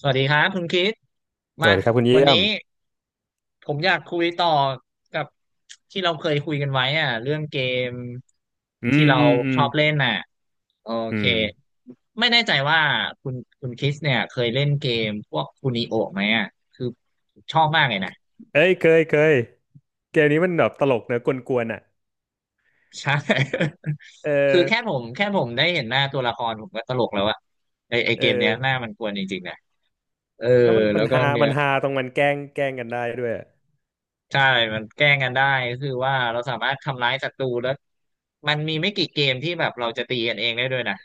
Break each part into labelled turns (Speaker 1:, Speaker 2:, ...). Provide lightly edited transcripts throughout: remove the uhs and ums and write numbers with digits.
Speaker 1: สวัสดีครับคุณคิด
Speaker 2: ส
Speaker 1: มา
Speaker 2: วัสดีครับคุณ
Speaker 1: วั
Speaker 2: เยี่
Speaker 1: น
Speaker 2: ย
Speaker 1: นี้
Speaker 2: ม
Speaker 1: ผมอยากคุยต่อกับที่เราเคยคุยกันไว้อ่ะเรื่องเกม
Speaker 2: อื
Speaker 1: ที่
Speaker 2: ม
Speaker 1: เรา
Speaker 2: อืมอื
Speaker 1: ช
Speaker 2: ม
Speaker 1: อบเล่นน่ะโอ
Speaker 2: อื
Speaker 1: เค
Speaker 2: ม
Speaker 1: ไม่แน่ใจว่าคุณคุณคิสเนี่ยเคยเล่นเกมพวกคูนิโอไหมอ่ะคือชอบมากเลยนะ
Speaker 2: เอ้ยเคยเกมนี้มันแบบตลกเนอะกวนๆอ่ะ
Speaker 1: ใช่
Speaker 2: เอ
Speaker 1: คือแค่
Speaker 2: อ
Speaker 1: ผมแค่ผมได้เห็นหน้าตัวละครผมก็ตลกแล้วอะไอ
Speaker 2: เอ
Speaker 1: เกมเนี้
Speaker 2: อ
Speaker 1: ยหน้ามันกวนจริงๆนะเออ
Speaker 2: แล้วมัน
Speaker 1: แล้
Speaker 2: มัน
Speaker 1: วก็
Speaker 2: ฮา
Speaker 1: เนื้อ
Speaker 2: มันฮาตรงมันแกล้งกันได้ด้วยอะ
Speaker 1: ใช่มันแกล้งกันได้ก็คือว่าเราสามารถทำร้ายศัตรูแล้วมันมีไม่กี่เกมที่แบบเราจะตีกันเองได้ด้วยนะ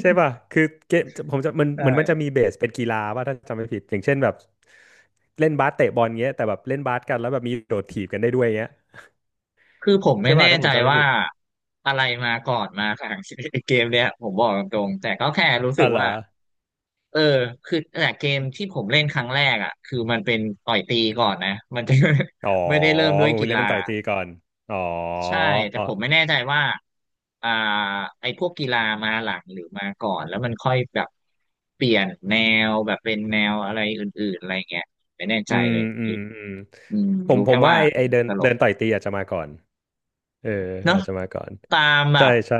Speaker 2: ใช่ป่ะคือเกมผมจะมันเหมือนมันจะ
Speaker 1: ใช่
Speaker 2: มีเบสเป็นกีฬาว่าถ้าจำไม่ผิดอย่างเช่นแบบเล่นบาสเตะบอลเงี้ยแต่แบบเล่นบาสกันแล้วแบบมีโดดถีบกันได้ด้วยเงี้ย
Speaker 1: คือผม
Speaker 2: ใช่
Speaker 1: ไม่
Speaker 2: ป่ะ
Speaker 1: แน่
Speaker 2: ถ้าผ
Speaker 1: ใจ
Speaker 2: มจำไม่
Speaker 1: ว่า
Speaker 2: ผิด
Speaker 1: อะไรมาก่อนมาหลัง เกมเนี่ยผมบอกตรงๆแต่ก็แค่รู้
Speaker 2: อ๋
Speaker 1: สึ
Speaker 2: อ
Speaker 1: ก
Speaker 2: เหรอ
Speaker 1: ว่าเออคือแต่เกมที่ผมเล่นครั้งแรกอ่ะคือมันเป็นต่อยตีก่อนนะมันจะ
Speaker 2: อ๋อ
Speaker 1: ไม่ได้เริ่มด้ว
Speaker 2: ผ
Speaker 1: ย
Speaker 2: ม
Speaker 1: กี
Speaker 2: เล่น
Speaker 1: ฬา
Speaker 2: เป็นต่อยตีก่อนอ๋อ
Speaker 1: ใช่แต่ผมไม่แน่ใจว่าอ่าไอ้พวกกีฬามาหลังหรือมาก่อนแล้วมันค่อยแบบเปลี่ยนแนวแบบเป็นแนวอะไรอื่นๆอะไรเงี้ยไม่แน่
Speaker 2: อื
Speaker 1: ใจ
Speaker 2: ม
Speaker 1: เลยคณ
Speaker 2: อืม
Speaker 1: กิด
Speaker 2: อืม
Speaker 1: อืม
Speaker 2: ผม
Speaker 1: รู้
Speaker 2: ผ
Speaker 1: แค่
Speaker 2: มว่า
Speaker 1: ว่า
Speaker 2: ไอไอเดิน
Speaker 1: ตล
Speaker 2: เดิ
Speaker 1: ก
Speaker 2: นต่อยตีอาจจะมาก่อนเออ
Speaker 1: เนาะ
Speaker 2: อาจจะมาก่อน
Speaker 1: ตามแบ
Speaker 2: ใช่
Speaker 1: บ
Speaker 2: ใช่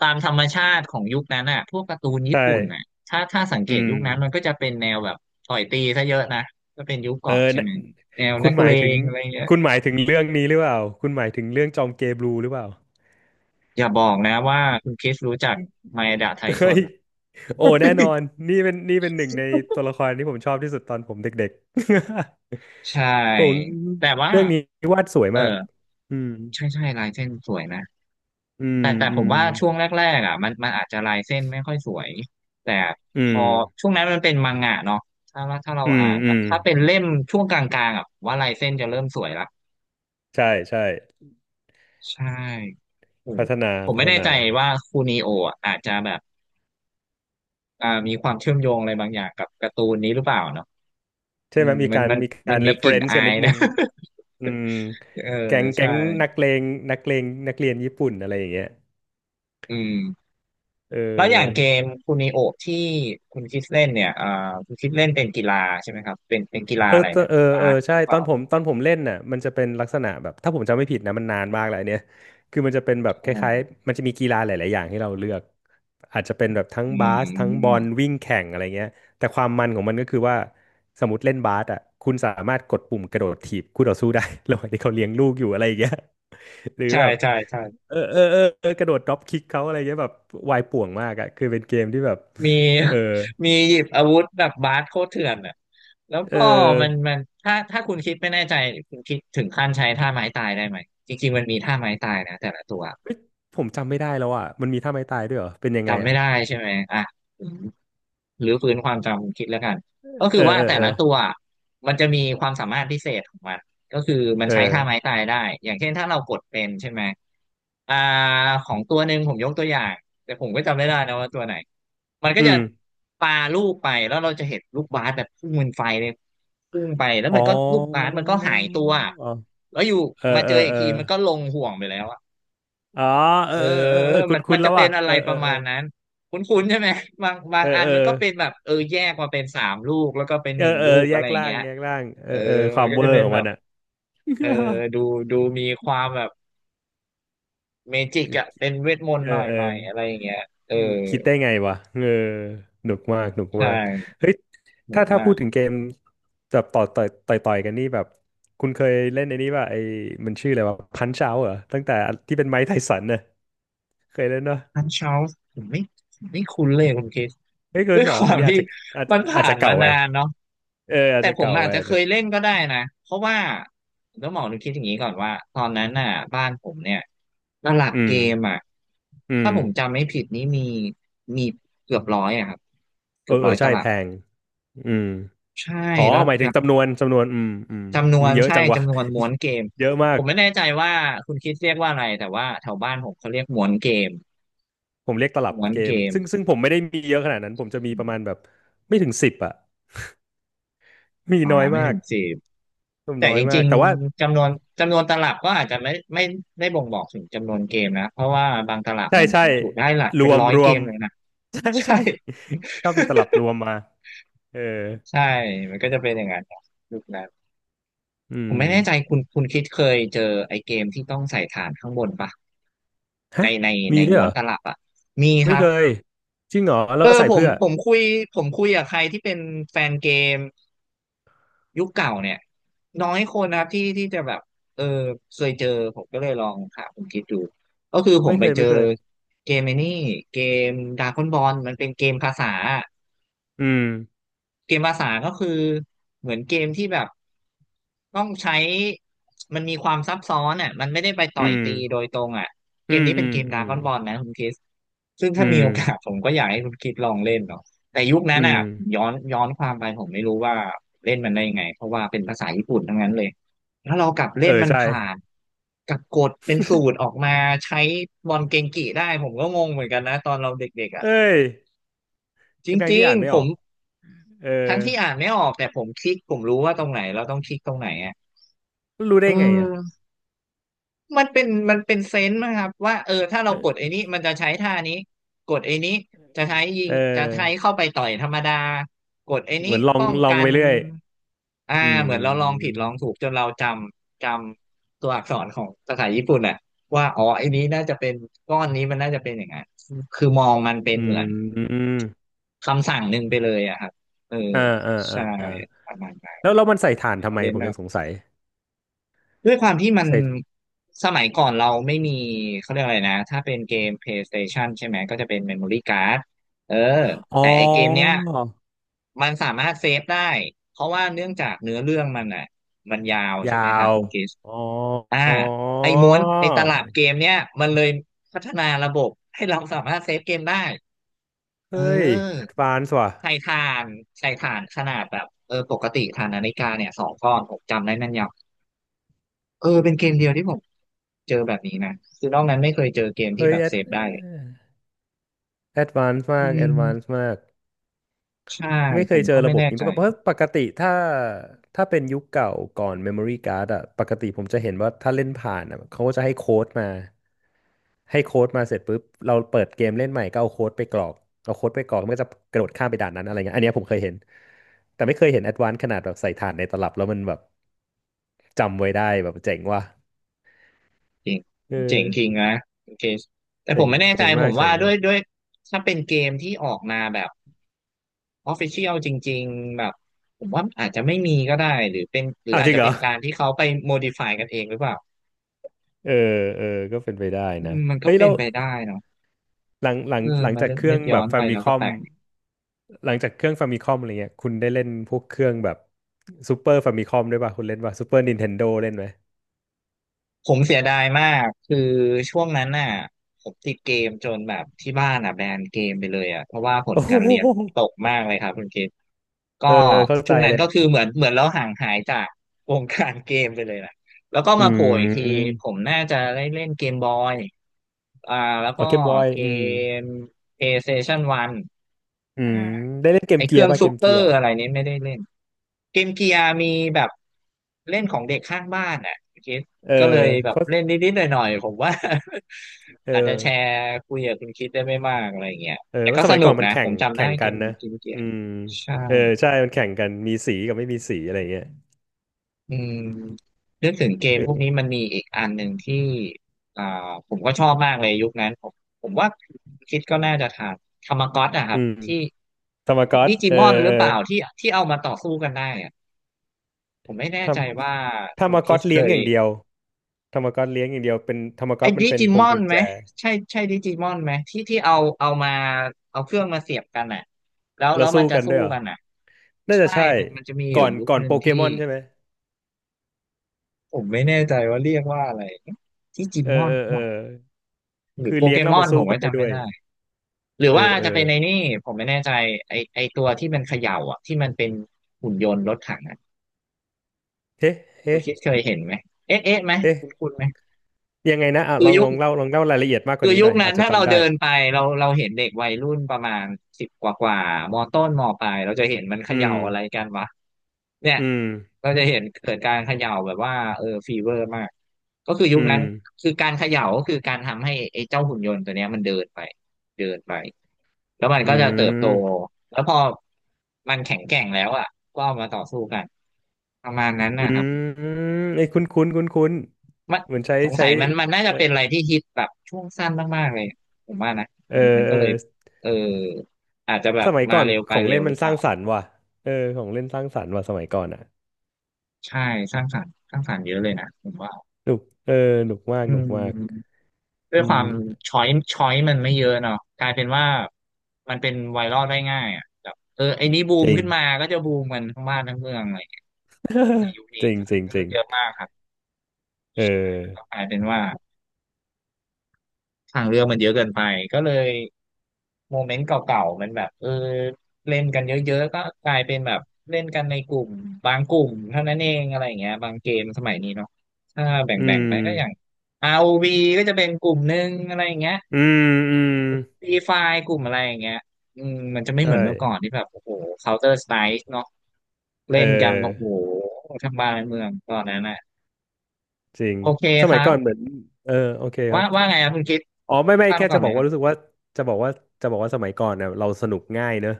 Speaker 1: ตามธรรมชาติของยุคนั้นอะพวกการ์ตูนญี่
Speaker 2: ใช่
Speaker 1: ปุ่นอะถ้าสังเก
Speaker 2: อื
Speaker 1: ต
Speaker 2: ม
Speaker 1: ยุคนั้นมันก็จะเป็นแนวแบบต่อยตีซะเยอะนะก็เป็นยุค
Speaker 2: เอ
Speaker 1: ก่
Speaker 2: อ
Speaker 1: อนใช่
Speaker 2: น่ะ
Speaker 1: ไหมแนว
Speaker 2: คุ
Speaker 1: นั
Speaker 2: ณ
Speaker 1: ก
Speaker 2: ห
Speaker 1: เล
Speaker 2: มายถึง
Speaker 1: งอะไรเงี้ย
Speaker 2: คุณหมายถึงเรื่องนี้หรือเปล่าคุณหมายถึงเรื่องจอมเกย์บลูหรือเปล่า
Speaker 1: อย่าบอกนะว่าคุณคริสรู้จักไมดะไทซ
Speaker 2: เฮ้
Speaker 1: อน
Speaker 2: ย
Speaker 1: อะ
Speaker 2: โอ้แน่นอนนี่เป็นหนึ่งในตัวละครที่ผมชอบที่สุดตอนผมเด็ก
Speaker 1: ใช่
Speaker 2: ๆ ผม
Speaker 1: แต่ว่า
Speaker 2: เรื่องนี้วาดสวย
Speaker 1: เอ
Speaker 2: มาก
Speaker 1: อ
Speaker 2: อืม
Speaker 1: ใช่ใช่ลายเส้นสวยนะ
Speaker 2: อื
Speaker 1: แต่
Speaker 2: ม
Speaker 1: แต่
Speaker 2: อื
Speaker 1: ผม
Speaker 2: ม
Speaker 1: ว่าช่วงแรกๆอ่ะมันอาจจะลายเส้นไม่ค่อยสวยแต่
Speaker 2: อื
Speaker 1: พ
Speaker 2: ม
Speaker 1: อช่วงนั้นมันเป็นมังงะเนาะถ้าว่าถ้าเรา
Speaker 2: อืม
Speaker 1: อ่าน
Speaker 2: อื
Speaker 1: แต่
Speaker 2: ม
Speaker 1: ถ้าเป็นเล่มช่วงกลางๆอ่ะผมว่าลายเส้นจะเริ่มสวยละ
Speaker 2: ใช่ใช่
Speaker 1: ใช่โอ้
Speaker 2: พัฒนา
Speaker 1: ผม
Speaker 2: พั
Speaker 1: ไม่
Speaker 2: ฒ
Speaker 1: แน่
Speaker 2: นา
Speaker 1: ใจว่าคูนิโออะอาจจะแบบมีความเชื่อมโยงอะไรบางอย่างกับการ์ตูนนี้หรือเปล่าเนาะ
Speaker 2: ใช่
Speaker 1: อื
Speaker 2: ไหม
Speaker 1: ม
Speaker 2: มี
Speaker 1: มัน
Speaker 2: การ
Speaker 1: มัน
Speaker 2: มีกา
Speaker 1: มัน
Speaker 2: ร
Speaker 1: มีกลิ่น
Speaker 2: reference
Speaker 1: อา
Speaker 2: กัน
Speaker 1: ย
Speaker 2: นิดนึ
Speaker 1: นะ
Speaker 2: งอืม
Speaker 1: เออ
Speaker 2: แก๊งแก๊
Speaker 1: ใช่
Speaker 2: งนักเลงนักเรียนญี่ปุ่นอะไรอย่างเงี้ย
Speaker 1: อืม
Speaker 2: เ
Speaker 1: แล้วอย่างเก
Speaker 2: ออ
Speaker 1: มคูนิโอที่คุณคิดเล่นเนี่ยเอ่อคุณคิดเล่นเป็นกีฬาใช่ไหมครับเป็นเป็นกีฬา
Speaker 2: เออ
Speaker 1: อะไร
Speaker 2: ต
Speaker 1: นะ
Speaker 2: เออเอ
Speaker 1: บา
Speaker 2: อ
Speaker 1: ส
Speaker 2: ใช่
Speaker 1: หรือเป
Speaker 2: ตอ
Speaker 1: ล่า
Speaker 2: นผมตอนผมเล่นน่ะมันจะเป็นลักษณะแบบถ้าผมจำไม่ผิดนะมันนานมากแล้วอันเนี่ยคือมันจะเป็นแบบ
Speaker 1: อื
Speaker 2: คล้าย
Speaker 1: ม
Speaker 2: ๆมันจะมีกีฬาหลายๆอย่างให้เราเลือกอาจจะเป็นแบบทั้ง
Speaker 1: อื
Speaker 2: บาสทั้งบอล
Speaker 1: ม
Speaker 2: วิ่งแข่งอะไรเงี้ยแต่ความมันของมันก็คือว่าสมมติเล่นบาสอ่ะคุณสามารถกดปุ่มกระโดดถีบคู่ต่อสู้ได้ ระหว่างที่เขาเลี้ยงลูกอยู่อะไรอย่างเงี้ย หรือ
Speaker 1: ใช่
Speaker 2: แบบ
Speaker 1: ใช่ใช่
Speaker 2: เออกระโดดดรอปคิกเขาอะไรเงี้ยแบบวายป่วงมากอะคือเป็นเกมที่แบบ
Speaker 1: มี
Speaker 2: เออ
Speaker 1: มีหยิบอาวุธแบบบาสโคตรเถื่อนอ่ะแล้ว
Speaker 2: เ
Speaker 1: ก็มัน
Speaker 2: ออ
Speaker 1: มันถ้าคุณคิดไม่แน่ใจคุณคิดถึงขั้นใช้ท่าไม้ตายได้ไหมจริงๆมันมีท่าไม้ตายนะแต่ละตัว
Speaker 2: ผมจำไม่ได้แล้วอะมันมีท่าไม้ตายด้วยเหรอเป็นยังไง
Speaker 1: จำไม่
Speaker 2: อะ
Speaker 1: ได้ใช่ไหมอ่ะ หรือฟื้นความจำคิดแล้วกันก็คื
Speaker 2: เอ
Speaker 1: อ
Speaker 2: อ
Speaker 1: ว่า
Speaker 2: เออ
Speaker 1: แต่
Speaker 2: เออ
Speaker 1: ละตัวมันจะมีความสามารถพิเศษของมันก็คือมัน
Speaker 2: เ
Speaker 1: ใช้ท่าไม้
Speaker 2: ออ
Speaker 1: ตายได้อย่างเช่นถ้าเรากดเป็นใช่ไหมอ่าของตัวหนึ่งผมยกตัวอย่างแต่ผมก็จำไม่ได้นะว่าตัวไหนมันก็
Speaker 2: อื
Speaker 1: จะ
Speaker 2: ม
Speaker 1: ปาลูกไปแล้วเราจะเห็นลูกบาสแบบพุ่งเป็นไฟเลยพุ่งไปแล้วมั
Speaker 2: อ๋อ
Speaker 1: นก็ลูกบาสมันก็หายตัวแล้วอยู่
Speaker 2: เอ
Speaker 1: มา
Speaker 2: อเอ
Speaker 1: เจอ
Speaker 2: อ
Speaker 1: อี
Speaker 2: เอ
Speaker 1: ก
Speaker 2: อ
Speaker 1: ทีมันก็ลงห่วงไปแล้ว
Speaker 2: อ๋อเอ
Speaker 1: เอ
Speaker 2: อ
Speaker 1: อ
Speaker 2: เออเออเออ
Speaker 1: มั
Speaker 2: คุ้
Speaker 1: น
Speaker 2: น
Speaker 1: มั
Speaker 2: คุ้น
Speaker 1: น
Speaker 2: แล้
Speaker 1: จะ
Speaker 2: ว
Speaker 1: เป็
Speaker 2: ว่ะ
Speaker 1: นอะ
Speaker 2: เอ
Speaker 1: ไร
Speaker 2: อ
Speaker 1: ป
Speaker 2: เออ
Speaker 1: ระ
Speaker 2: เอ
Speaker 1: มา
Speaker 2: อ
Speaker 1: ณนั้นคุ้นๆใช่ไหม บางบา
Speaker 2: เอ
Speaker 1: ง
Speaker 2: อ
Speaker 1: อัน
Speaker 2: เออ
Speaker 1: มันก็เป็นแบบเออแยกมาเป็นสามลูกแล้วก็เป็น
Speaker 2: เอ
Speaker 1: ห
Speaker 2: อ
Speaker 1: นึ่ง
Speaker 2: เออ
Speaker 1: ลูก
Speaker 2: แย
Speaker 1: อะไร
Speaker 2: ก
Speaker 1: อย่าง
Speaker 2: ล่าง
Speaker 1: เงี้ย
Speaker 2: เอ
Speaker 1: เอ
Speaker 2: อ
Speaker 1: อ
Speaker 2: เออค
Speaker 1: มั
Speaker 2: วา
Speaker 1: น
Speaker 2: ม
Speaker 1: ก็
Speaker 2: เวอ
Speaker 1: จะ
Speaker 2: ร์
Speaker 1: เป็น
Speaker 2: ของ
Speaker 1: แบ
Speaker 2: มั
Speaker 1: บ
Speaker 2: นอะ
Speaker 1: เออดูดูมีความแบบเมจิกอะ เป็นเวทมนต์
Speaker 2: เอ
Speaker 1: หน่อ
Speaker 2: อ
Speaker 1: ย
Speaker 2: เอ
Speaker 1: หน่อ
Speaker 2: อ
Speaker 1: ยอะไรอย่างเงี้ยเออ
Speaker 2: คิดได้ไงวะเออหนุกมาก
Speaker 1: ใช่
Speaker 2: เฮ้ย
Speaker 1: เหมือ
Speaker 2: ถ้า
Speaker 1: น
Speaker 2: ถ้า
Speaker 1: มา
Speaker 2: พูด
Speaker 1: ก
Speaker 2: ถึงเกมแบบต่อต่อยกันนี่แบบคุณเคยเล่นในนี้ป่ะไอ้มันชื่ออะไรวะพันช์เอาเหรอตั้งแต่ที่เป็นไมค์ไทสันน่ะเคยเล่นเนาะ
Speaker 1: ทันชาร์ลส์ผมไม่ไม่คุ้นเลยคุณคริส
Speaker 2: เฮ้ยคุณ
Speaker 1: ด้วย
Speaker 2: เหรอ
Speaker 1: ค
Speaker 2: อั
Speaker 1: วา
Speaker 2: น
Speaker 1: ม
Speaker 2: นี้อาจ
Speaker 1: ที่
Speaker 2: จะอาจจะ
Speaker 1: มัน
Speaker 2: อาจ
Speaker 1: ผ่า
Speaker 2: จะ
Speaker 1: น
Speaker 2: เก่า
Speaker 1: มา
Speaker 2: ไป
Speaker 1: นานเนาะ
Speaker 2: เอออาจ
Speaker 1: แต่
Speaker 2: จะ
Speaker 1: ผม
Speaker 2: เก่าไป
Speaker 1: อาจจะ
Speaker 2: อาจ
Speaker 1: เค
Speaker 2: จะ
Speaker 1: ยเล่นก็ได้นะเพราะว่าต้องหมอกหนูคิดอย่างนี้ก่อนว่าตอนนั้นน่ะบ้านผมเนี่ยตลับ
Speaker 2: อืม
Speaker 1: เกมอ่ะ
Speaker 2: อืม
Speaker 1: ถ้าผมจำไม่ผิดนี้มีเกือบร้อยอะครับ
Speaker 2: เอ
Speaker 1: เกื
Speaker 2: อ
Speaker 1: อบ
Speaker 2: เอ
Speaker 1: ร้อ
Speaker 2: อ
Speaker 1: ยต
Speaker 2: ใช่
Speaker 1: ลั
Speaker 2: แพ
Speaker 1: บ
Speaker 2: งอืม
Speaker 1: ใช่
Speaker 2: อ๋อ
Speaker 1: แล้ว
Speaker 2: หมาย
Speaker 1: แบ
Speaker 2: ถึง
Speaker 1: บ
Speaker 2: จำนวนอืมอืม
Speaker 1: จำนว
Speaker 2: มัน
Speaker 1: น
Speaker 2: เยอะ
Speaker 1: ใช่
Speaker 2: จังวะ
Speaker 1: จำนวนม้วนเกม
Speaker 2: เยอะมา
Speaker 1: ผ
Speaker 2: ก
Speaker 1: มไม่แน่ใจว่าคุณคิดเรียกว่าอะไรแต่ว่าแถวบ้านผมเขาเรียกม้วนเกม
Speaker 2: ผมเรียกตลับ
Speaker 1: ม้วน
Speaker 2: เก
Speaker 1: เก
Speaker 2: ม
Speaker 1: ม
Speaker 2: ซึ่งผมไม่ได้มีเยอะขนาดนั้นผมจะมีประมาณแบบไม่ถึงสิบอะมี
Speaker 1: อ่า
Speaker 2: น้อย
Speaker 1: ไม่
Speaker 2: มา
Speaker 1: ถึ
Speaker 2: ก
Speaker 1: งสิ
Speaker 2: ผม
Speaker 1: แต่
Speaker 2: น้อ
Speaker 1: จ
Speaker 2: ยมา
Speaker 1: ริ
Speaker 2: ก
Speaker 1: ง
Speaker 2: แต่ว่า
Speaker 1: ๆจำนวนตลับก็อาจจะไม่บ่งบอกถึงจำนวนเกมนะเพราะว่าบางตลับ
Speaker 2: ใช่
Speaker 1: มัน
Speaker 2: ใช่
Speaker 1: มันจุได้หลัก
Speaker 2: ร
Speaker 1: เป็น
Speaker 2: วม
Speaker 1: ร้อยเกมเลยนะ
Speaker 2: ใช่
Speaker 1: ใช่
Speaker 2: ใช่ชอบมีตลับรวมมาเออ
Speaker 1: ใช่มันก็จะเป็นอย่างนั้นนะยุคนั้น
Speaker 2: อื
Speaker 1: ผม
Speaker 2: ม
Speaker 1: ไม่แน่ใจคุณคิดเคยเจอไอ้เกมที่ต้องใส่ฐานข้างบนปะใน
Speaker 2: ฮะ
Speaker 1: ใน
Speaker 2: มีด้วย
Speaker 1: ม้
Speaker 2: เห
Speaker 1: ว
Speaker 2: ร
Speaker 1: น
Speaker 2: อ
Speaker 1: ตลับอ่ะมีค
Speaker 2: ไม่
Speaker 1: รับ
Speaker 2: เคยจริงเหรอแล้
Speaker 1: เอ
Speaker 2: ว
Speaker 1: อ
Speaker 2: ใส่
Speaker 1: ผม
Speaker 2: เพื่อ
Speaker 1: ผมคุยผมคุยกับใครที่เป็นแฟนเกม ยุคเก่าเนี่ยน้อยคนนะครับที่จะแบบเออเคยเจอผมก็เลยลองหาผมคิดดูก็คือผม
Speaker 2: ไม่
Speaker 1: ไป
Speaker 2: เคย
Speaker 1: เจอ
Speaker 2: ไม่เคย
Speaker 1: เกมไอ้นี่เกมดราก้อนบอลมันเป็นเกมภาษา
Speaker 2: อืม
Speaker 1: เกมภาษาก็คือเหมือนเกมที่แบบ ต้องใช้มันมีความซับซ้อนอ่ะมันไม่ได้ไป
Speaker 2: อื
Speaker 1: ต่อย
Speaker 2: ม
Speaker 1: ตีโดยตรงอ่ะเก
Speaker 2: อื
Speaker 1: ม
Speaker 2: ม
Speaker 1: นี้
Speaker 2: อื
Speaker 1: เป็น
Speaker 2: ม
Speaker 1: เกมด
Speaker 2: อื
Speaker 1: รา
Speaker 2: ม
Speaker 1: ก้อนบอลนะคุณคริสซึ่ง
Speaker 2: อื
Speaker 1: ถ้ามี
Speaker 2: ม
Speaker 1: โอกาสผมก็อยากให้คุณคริสลองเล่นเนาะแต่ยุคนั้น
Speaker 2: อื
Speaker 1: อ่ะ
Speaker 2: ม
Speaker 1: ย้อนความไปผมไม่รู้ว่าเล่นมันได้ยังไงเพราะว่าเป็นภาษาญี่ปุ่นทั้งนั้นเลยแล้วเรากลับ
Speaker 2: เอ
Speaker 1: เล่
Speaker 2: อ
Speaker 1: นมัน
Speaker 2: ใช่
Speaker 1: ผ่านกลับกดเป็นสูตรออกมาใช้บอลเกงกิได้ผมก็งงเหมือนกันนะตอนเราเด็กๆอ่ะ
Speaker 2: เอ้ย
Speaker 1: จ
Speaker 2: ทนกงร
Speaker 1: ริ
Speaker 2: ที่
Speaker 1: ง
Speaker 2: อ่านไม่
Speaker 1: ๆผ
Speaker 2: ออ
Speaker 1: ม
Speaker 2: กเออ
Speaker 1: ทั้งที่อ่านไม่ออกแต่ผมคลิกผมรู้ว่าตรงไหนเราต้องคลิกตรงไหนอ่ะ
Speaker 2: รู้
Speaker 1: เอ
Speaker 2: ได้ไงอ่ะ
Speaker 1: อ มันเป็นเซนส์นะครับว่าเออถ้าเรา
Speaker 2: เอ
Speaker 1: กด
Speaker 2: อ
Speaker 1: ไอ้นี้มันจะใช้ท่านี้กดไอ้นี้จะใช้ยิง
Speaker 2: เอ
Speaker 1: จะ
Speaker 2: อ
Speaker 1: ใช้เข้าไปต่อยธรรมดากดไอ้
Speaker 2: เห
Speaker 1: นี้
Speaker 2: มือนลอง
Speaker 1: ป้อง
Speaker 2: ลอ
Speaker 1: กั
Speaker 2: งไป
Speaker 1: น
Speaker 2: เรื่อย
Speaker 1: อ่า
Speaker 2: อื
Speaker 1: เหมือนเราลองผิด
Speaker 2: ม
Speaker 1: ลองถูกจนเราจำตัวอักษรของภาษาญี่ปุ่นอ่ะว่าอ๋อไอ้นี้น่าจะเป็นก้อนนี้มันน่าจะเป็นอย่างนั้นคือมองมันเป็น
Speaker 2: อื
Speaker 1: เหมือน
Speaker 2: ม
Speaker 1: คำสั่งหนึ่งไปเลยอะครับเออ
Speaker 2: อ่าอ่าอ่า
Speaker 1: ใช่
Speaker 2: อ่า
Speaker 1: ประมาณนั้น
Speaker 2: แล้วแล้วมันใส่ถ่านทำ
Speaker 1: เรา
Speaker 2: ไม
Speaker 1: เล่น
Speaker 2: ผม
Speaker 1: มา
Speaker 2: ยั
Speaker 1: ก
Speaker 2: งสงสัย
Speaker 1: ด้วยความที่มัน
Speaker 2: ใส่
Speaker 1: สมัยก่อนเราไม่มีเขาเรียกอะไรนะถ้าเป็นเกม PlayStation ใช่ไหมก็จะเป็น Memory Card เออ
Speaker 2: อ๋อ
Speaker 1: แต่ไอเกมเนี้ยมันสามารถเซฟได้เพราะว่าเนื่องจากเนื้อเรื่องมันอ่ะมันยาว
Speaker 2: ย
Speaker 1: ใช่ไหม
Speaker 2: า
Speaker 1: ครับ
Speaker 2: ว
Speaker 1: คุณเกส
Speaker 2: อ๋อ
Speaker 1: อ่า
Speaker 2: อ๋
Speaker 1: ไอ
Speaker 2: อ
Speaker 1: ม้วนไอตลับเกมเนี้ยมันเลยพัฒนาระบบให้เราสามารถเซฟเกมได้เ
Speaker 2: เฮ้ยแอ
Speaker 1: ออ
Speaker 2: ดวานซ์ว่ะ
Speaker 1: ใส่ถ่านใส่ถ่านขนาดแบบเออปกติถ่านนาฬิกาเนี่ยสองก้อนผมจำได้แม่นย เออเป็นเกมเดียวที่ผมเจอแบบนี้นะคือนอกนั้นไม่เคยเจอเกมที่
Speaker 2: เฮ้ย
Speaker 1: แบบ
Speaker 2: แอ
Speaker 1: เซ
Speaker 2: ด
Speaker 1: ฟได้เลย
Speaker 2: แอดวานซ์
Speaker 1: อื
Speaker 2: มากแอดวานซ์
Speaker 1: ม
Speaker 2: มาก
Speaker 1: ใช่
Speaker 2: ไม่
Speaker 1: ผ
Speaker 2: เคย
Speaker 1: ม
Speaker 2: เจอ
Speaker 1: ก็
Speaker 2: ระ
Speaker 1: ไม่
Speaker 2: บบ
Speaker 1: แน่
Speaker 2: นี้
Speaker 1: ใจ
Speaker 2: มาก่อนเพราะปกติถ้าถ้าเป็นยุคเก่าก่อน Memory Card อะปกติผมจะเห็นว่าถ้าเล่นผ่านอะเขาก็จะให้โค้ดมาเสร็จปุ๊บเราเปิดเกมเล่นใหม่ก็เอาโค้ดไปกรอกเอาโค้ดไปกรอกมันก็จะกระโดดข้ามไปด่านนั้นอะไรเงี้ยอันเนี้ยผมเคยเห็นแต่ไม่เคยเห็นแอดวานซ์ขนาดแบบใส่ฐานในตลับแล้วมันแบบจำไว้ได้แบบเจ๋งว่ะ
Speaker 1: จริง
Speaker 2: เอ
Speaker 1: เจ๋งจริง
Speaker 2: อ
Speaker 1: นะโอเคแต่ผ
Speaker 2: เจ๋
Speaker 1: ม
Speaker 2: ง
Speaker 1: ไม่แน่ใจผม
Speaker 2: เจ๋
Speaker 1: ว่า
Speaker 2: ง
Speaker 1: ด้
Speaker 2: มา
Speaker 1: ว
Speaker 2: ก
Speaker 1: ยด้วยถ้าเป็นเกมที่ออกมาแบบออฟฟิเชียลจริงๆแบบผมว่าอาจจะไม่มีก็ได้หรือเป็นหรือ
Speaker 2: อ้าว
Speaker 1: อา
Speaker 2: จ
Speaker 1: จ
Speaker 2: ริง
Speaker 1: จะ
Speaker 2: เหร
Speaker 1: เป็
Speaker 2: อ
Speaker 1: นการที่เขาไปโมดิฟายกันเองหรือเปล่า
Speaker 2: เออเออก็เป็นไปได้
Speaker 1: อื
Speaker 2: นะ
Speaker 1: มมันก็
Speaker 2: เฮ้ย
Speaker 1: เป็
Speaker 2: แล้
Speaker 1: น
Speaker 2: ว
Speaker 1: ไปได้เนาะ
Speaker 2: หลังหลั
Speaker 1: เอ
Speaker 2: ง
Speaker 1: อ
Speaker 2: หลัง
Speaker 1: มัน
Speaker 2: จาก
Speaker 1: นึก
Speaker 2: เครื่
Speaker 1: นึ
Speaker 2: อง
Speaker 1: กย้
Speaker 2: แบ
Speaker 1: อ
Speaker 2: บ
Speaker 1: นไป
Speaker 2: ฟามิ
Speaker 1: แล้ว
Speaker 2: ค
Speaker 1: ก็
Speaker 2: อ
Speaker 1: แป
Speaker 2: ม
Speaker 1: ลก
Speaker 2: หลังจากเครื่องฟามิคอมอะไรเงี้ยคุณได้เล่นพวกเครื่องแบบซูเปอร์ฟามิคอมด้วยป่ะคุณเล่นป่ะซูเปอร์นินเทนโดเล่นไหม
Speaker 1: ผมเสียดายมากคือช่วงนั้นน่ะผมติดเกมจนแบบที่บ้านอ่ะแบนเกมไปเลยอ่ะเพราะว่าผล
Speaker 2: โอ้
Speaker 1: การเรียน
Speaker 2: โห
Speaker 1: ตกมากเลยครับคุณเกศก็
Speaker 2: เออเข้า
Speaker 1: ช่
Speaker 2: ใจ
Speaker 1: วงนั้
Speaker 2: เล
Speaker 1: น
Speaker 2: ย
Speaker 1: ก็คือ
Speaker 2: อ่ะ
Speaker 1: เหมือนเราห่างหายจากวงการเกมไปเลยนะแล้วก็
Speaker 2: อื
Speaker 1: มาโผล่อีกที
Speaker 2: ม
Speaker 1: ผมน่าจะได้เล่นเกมบอยอ่าแล้ว
Speaker 2: อ๋
Speaker 1: ก็
Speaker 2: อเกมบอย
Speaker 1: เก
Speaker 2: อืม
Speaker 1: ม PlayStation 1
Speaker 2: อืมได้เล่นเกม
Speaker 1: ไอ้เค
Speaker 2: เกีย
Speaker 1: รื่
Speaker 2: ร์
Speaker 1: อง
Speaker 2: ป่ะเก
Speaker 1: ซู
Speaker 2: ม
Speaker 1: เปอ
Speaker 2: เกียร์
Speaker 1: ร์อะไรนี้ไม่ได้เล่นเกมเกียร์มีแบบเล่นของเด็กข้างบ้านอ่ะคิด
Speaker 2: เออ
Speaker 1: ก็เลยแบ
Speaker 2: เพ
Speaker 1: บ
Speaker 2: ราะ
Speaker 1: เล่นนิดๆหน่อยๆผมว่า
Speaker 2: เอ
Speaker 1: อาจจะ
Speaker 2: อ
Speaker 1: แชร์คุยกับคุณคิดได้ไม่มากอะไรเงี้ย
Speaker 2: เออ
Speaker 1: แต่
Speaker 2: ว่า
Speaker 1: ก็
Speaker 2: ส
Speaker 1: ส
Speaker 2: มัย
Speaker 1: นุ
Speaker 2: ก่อ
Speaker 1: ก
Speaker 2: นมัน
Speaker 1: นะ
Speaker 2: แข่
Speaker 1: ผ
Speaker 2: ง
Speaker 1: มจำได้
Speaker 2: แข่ง
Speaker 1: เก
Speaker 2: กัน
Speaker 1: ม
Speaker 2: นะ
Speaker 1: เกมเกีย
Speaker 2: อื
Speaker 1: ร์
Speaker 2: ม
Speaker 1: ใช่
Speaker 2: เออใช่มันแข่งกันมีสีกับไม่มีสีอะไรเงี้ย
Speaker 1: อืมนึกถึงเกมพวก
Speaker 2: เออ
Speaker 1: นี้มันมีอีกอันหนึ่งที่อ่าผมก็ชอบมากเลยยุคนั้นผมผมว่าคิดก็น่าจะทันรามากอตอะครั
Speaker 2: อื
Speaker 1: บ
Speaker 2: ม
Speaker 1: ที่
Speaker 2: ทามากอต
Speaker 1: ดิจิ
Speaker 2: เออ
Speaker 1: มอนห
Speaker 2: เอ
Speaker 1: รือ
Speaker 2: อ
Speaker 1: เปล่าที่ที่เอามาต่อสู้กันได้ ผมไม่แน่
Speaker 2: ท
Speaker 1: ใจว่า
Speaker 2: ำทา
Speaker 1: คุณ
Speaker 2: มา
Speaker 1: ค
Speaker 2: ก
Speaker 1: ริ
Speaker 2: อต
Speaker 1: สเค
Speaker 2: เลี้ยงอ
Speaker 1: ย
Speaker 2: ย่างเดียว ธรรมก๊อตเลี้ยงอย่างเดียวเป็นธรรมก๊
Speaker 1: ไอ้
Speaker 2: อตมั
Speaker 1: ดิ
Speaker 2: นเป็น
Speaker 1: จิ
Speaker 2: พ
Speaker 1: ม
Speaker 2: วง
Speaker 1: อ
Speaker 2: กุ
Speaker 1: น
Speaker 2: ญ
Speaker 1: ไหม
Speaker 2: แจ
Speaker 1: ใช่ใช่ดิจิมอนไหมที่ที่เอามาเอาเครื่องมาเสียบกันอ่ะแล้ว
Speaker 2: เรา
Speaker 1: แล้ว
Speaker 2: สู้
Speaker 1: มันจะ
Speaker 2: กัน
Speaker 1: สู้
Speaker 2: ด้วยเหรอ
Speaker 1: กันอ่ะ
Speaker 2: น่าจะ
Speaker 1: ใช่
Speaker 2: ใช่
Speaker 1: มันมันจะมีอ
Speaker 2: ก่อ
Speaker 1: ยู่
Speaker 2: น
Speaker 1: ยุค
Speaker 2: ก่อ
Speaker 1: ห
Speaker 2: น
Speaker 1: นึ่
Speaker 2: โป
Speaker 1: ง
Speaker 2: เก
Speaker 1: ที่
Speaker 2: มอนใช่ไหม
Speaker 1: ผมไม่แน่ใจว่าเรียกว่าอะไรดิจิ
Speaker 2: เออ
Speaker 1: มอน
Speaker 2: เออ
Speaker 1: เป
Speaker 2: เออ
Speaker 1: ล่หรือ
Speaker 2: คือ
Speaker 1: โป
Speaker 2: เลี้
Speaker 1: เก
Speaker 2: ยงแล้ว
Speaker 1: มอ
Speaker 2: มา
Speaker 1: นผ
Speaker 2: สู้
Speaker 1: ม
Speaker 2: กั
Speaker 1: ก็
Speaker 2: นได้
Speaker 1: จำ
Speaker 2: ด้
Speaker 1: ไม่
Speaker 2: วย
Speaker 1: ได้หรือ
Speaker 2: เออ
Speaker 1: ว่า
Speaker 2: เออ
Speaker 1: จะเป็นในนี่ผมไม่แน่ใจไอตัวที่มันเขย่าอ่ะที่มันเป็นหุ่นยนต์รถถังอ่ะ
Speaker 2: เฮ้
Speaker 1: คุ
Speaker 2: เฮ้
Speaker 1: ณคิดเคยเห็นไหมเอ๊ะไหม
Speaker 2: เฮ
Speaker 1: คุณ
Speaker 2: ้
Speaker 1: คุณไหม
Speaker 2: ยังไงนะอ่ะ
Speaker 1: คื
Speaker 2: ล
Speaker 1: อ
Speaker 2: อง
Speaker 1: ยุ
Speaker 2: ล
Speaker 1: ค
Speaker 2: องเล่าลองเล่ารายละเอียดมากก
Speaker 1: คื
Speaker 2: ว่า
Speaker 1: อ
Speaker 2: นี้
Speaker 1: ยุ
Speaker 2: หน่
Speaker 1: ค
Speaker 2: อย
Speaker 1: นั้
Speaker 2: อา
Speaker 1: น
Speaker 2: จจะ
Speaker 1: ถ้าเรา
Speaker 2: จำได้
Speaker 1: เดินไปเราเห็นเด็กวัยรุ่นประมาณสิบกว่ากว่ามอต้นมอปลายเราจะเห็นมันเข
Speaker 2: อื
Speaker 1: ย่า
Speaker 2: ม
Speaker 1: อะไรกันวะเนี่ย
Speaker 2: อืม
Speaker 1: เราจะเห็นเกิดการเขย่าแบบว่าเออฟีเวอร์มากก็คือยุ
Speaker 2: อื
Speaker 1: คนั้
Speaker 2: ม
Speaker 1: นคือการเขย่าก็คือการทำให้ไอ้เจ้าหุ่นยนต์ตัวเนี้ยมันเดินไปเดินไปแล้วมัน
Speaker 2: อื
Speaker 1: ก็จะเติบโต
Speaker 2: ม
Speaker 1: แล้วพอมันแข็งแกร่งแล้วอ่ะก็เอามาต่อสู้กันประมาณนั้น
Speaker 2: อื
Speaker 1: นะครั
Speaker 2: ม
Speaker 1: บ
Speaker 2: ไอ้ยคุ้นคุ้นคุ้นคุ้น
Speaker 1: มัน
Speaker 2: ๆเหมือนใช้
Speaker 1: สง
Speaker 2: ใช้
Speaker 1: สัยมันน่า
Speaker 2: เอ
Speaker 1: จะ
Speaker 2: อ
Speaker 1: เป็นอะไรที่ฮิตแบบช่วงสั้นมากๆเลยผมว่านะ
Speaker 2: เออ
Speaker 1: มัน
Speaker 2: เอ
Speaker 1: ก็
Speaker 2: อ
Speaker 1: เลยเอออาจจะแบ
Speaker 2: ส
Speaker 1: บ
Speaker 2: มัย
Speaker 1: มา
Speaker 2: ก่อน
Speaker 1: เร็วไป
Speaker 2: ของ
Speaker 1: เร็
Speaker 2: เล่
Speaker 1: ว
Speaker 2: น
Speaker 1: ห
Speaker 2: มั
Speaker 1: รื
Speaker 2: น
Speaker 1: อเป
Speaker 2: สร้า
Speaker 1: ล่า
Speaker 2: งสรรค์ว่ะเออของเล่นสร้างสรรค์ว่ะสมัยก่อนอ่ะ
Speaker 1: ใช่สร้างสรรค์สร้างสรรค์เยอะเลยนะผมว่า
Speaker 2: หนุกเออหนุกมาก
Speaker 1: อืมด้วย
Speaker 2: อื
Speaker 1: ค
Speaker 2: ม
Speaker 1: วามช้อยช้อยมันไม่เยอะเนาะกลายเป็นว่ามันเป็นไวรัลได้ง่ายอ่ะแบบเออไอ้นี้บู
Speaker 2: จ
Speaker 1: ม
Speaker 2: ริง
Speaker 1: ขึ้นมาก็จะบูมกันทั้งบ้านทั้งเมืองอะไรอย่างเงี้ยในยุคนี้
Speaker 2: จริง
Speaker 1: ทา
Speaker 2: จ
Speaker 1: ง
Speaker 2: ริงจ
Speaker 1: เลื
Speaker 2: ริ
Speaker 1: อก
Speaker 2: ง
Speaker 1: เยอะมากครับ
Speaker 2: เอ
Speaker 1: ใช่ก็
Speaker 2: อ
Speaker 1: กลายเป็นว่า ทางเลือกมันเยอะเกินไปก็เลยโมเมนต์เก่าๆมันแบบเออเล่นกันเยอะๆก็กลายเป็นแบบเล่นกันในกลุ่มบางกลุ่มเท่านั้นเองอะไรอย่างเงี้ยบางเกมสมัยนี้เนาะถ้าแบ
Speaker 2: อื
Speaker 1: ่งๆไป
Speaker 2: ม
Speaker 1: ก็อย่าง ROV ก็จะเป็นกลุ่มหนึ่งอะไรอย่างเงี้ย
Speaker 2: อือืม
Speaker 1: Free Fire กลุ่มอะไรอย่างเงี้ยอืมมันจะไม่เห
Speaker 2: ใช่
Speaker 1: มือนเมื่อก่อนที่แบบโอ้โห Counter Strike เนาะ
Speaker 2: เอ
Speaker 1: เล่นกันโอ้โห
Speaker 2: อ
Speaker 1: ทั้งบ้านทั้งเมืองตอนนั้นอ่ะ
Speaker 2: จริง
Speaker 1: โอเค
Speaker 2: ส
Speaker 1: ค
Speaker 2: มัย
Speaker 1: รั
Speaker 2: ก่
Speaker 1: บ
Speaker 2: อนเหมือนเออโอเคค
Speaker 1: ว่า
Speaker 2: รั
Speaker 1: ว่า
Speaker 2: บ
Speaker 1: ไงครับคุณคิด
Speaker 2: อ๋อไม่
Speaker 1: ตั้ง
Speaker 2: แค่
Speaker 1: ก่อ
Speaker 2: จะ
Speaker 1: นเล
Speaker 2: บอ
Speaker 1: ย
Speaker 2: ก
Speaker 1: ครั
Speaker 2: ว่า
Speaker 1: บ
Speaker 2: รู้สึกว่าจะบอกว่าจะบอกว่าสมัยก่อนเนี่ยเราสนุกง่ายเนอะ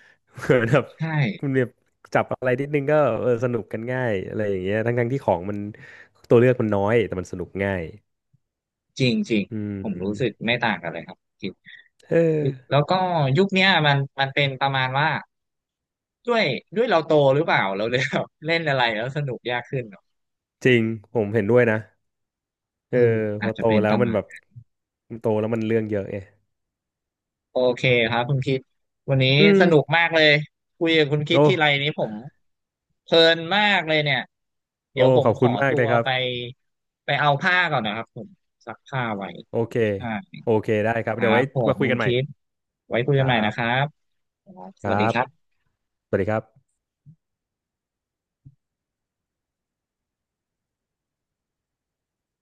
Speaker 2: เหมือนแบบ
Speaker 1: ใช่
Speaker 2: คุณเนี่บจับอะไรนิดนึงก็เออสนุกกันง่ายอะไรอย่างเงี้ยทั้งที่ของมันตัวเลือกมันน้อย แต่มันสนุกง่าย
Speaker 1: จริงจริง
Speaker 2: อื
Speaker 1: ผมรู้สึก
Speaker 2: ม
Speaker 1: ไม่ต่างกันเลยครับจริง
Speaker 2: เออ
Speaker 1: แล้วก็ยุคเนี้ยมันเป็นประมาณว่าด้วยด้วยเราโตหรือเปล่าเราเลยแบบเล่นอะไรแล้วสนุกยากขึ้นเนอะ
Speaker 2: จริง ผมเห็นด้วยนะ เอ
Speaker 1: เอ
Speaker 2: อ
Speaker 1: อ
Speaker 2: พ
Speaker 1: อา
Speaker 2: อ
Speaker 1: จจะ
Speaker 2: โต
Speaker 1: เป็น
Speaker 2: แล้
Speaker 1: ป
Speaker 2: ว
Speaker 1: ระ
Speaker 2: มัน
Speaker 1: มาณ
Speaker 2: แบบมันโตแล้วมันเรื่องเยอะไง
Speaker 1: โอเคครับคุณคิดวันนี้
Speaker 2: อืม
Speaker 1: สนุกมากเลยคุยกับคุณคิด
Speaker 2: โอ้
Speaker 1: ที่ไรนี้ผมเพลินมากเลยเนี่ย
Speaker 2: โอ้
Speaker 1: เดี๋ยวผม
Speaker 2: ขอบ
Speaker 1: ข
Speaker 2: คุ
Speaker 1: อ
Speaker 2: ณมาก
Speaker 1: ตั
Speaker 2: เล
Speaker 1: ว
Speaker 2: ยครับ
Speaker 1: ไปไปเอาผ้าก่อนนะครับผมซักผ้าไว้
Speaker 2: โอเค
Speaker 1: ใช่
Speaker 2: โอเคได้ครับ
Speaker 1: ครั
Speaker 2: เดี๋ยว
Speaker 1: บ
Speaker 2: ไว้
Speaker 1: ผม
Speaker 2: มาคุย
Speaker 1: คุณ
Speaker 2: กันใหม่
Speaker 1: คิดไว้คุย
Speaker 2: ค
Speaker 1: กัน
Speaker 2: รั
Speaker 1: ใหม่นะครั
Speaker 2: บ
Speaker 1: บ
Speaker 2: ค
Speaker 1: ส
Speaker 2: รั
Speaker 1: วัสดี
Speaker 2: บ
Speaker 1: ครับ
Speaker 2: สวัสดีครับ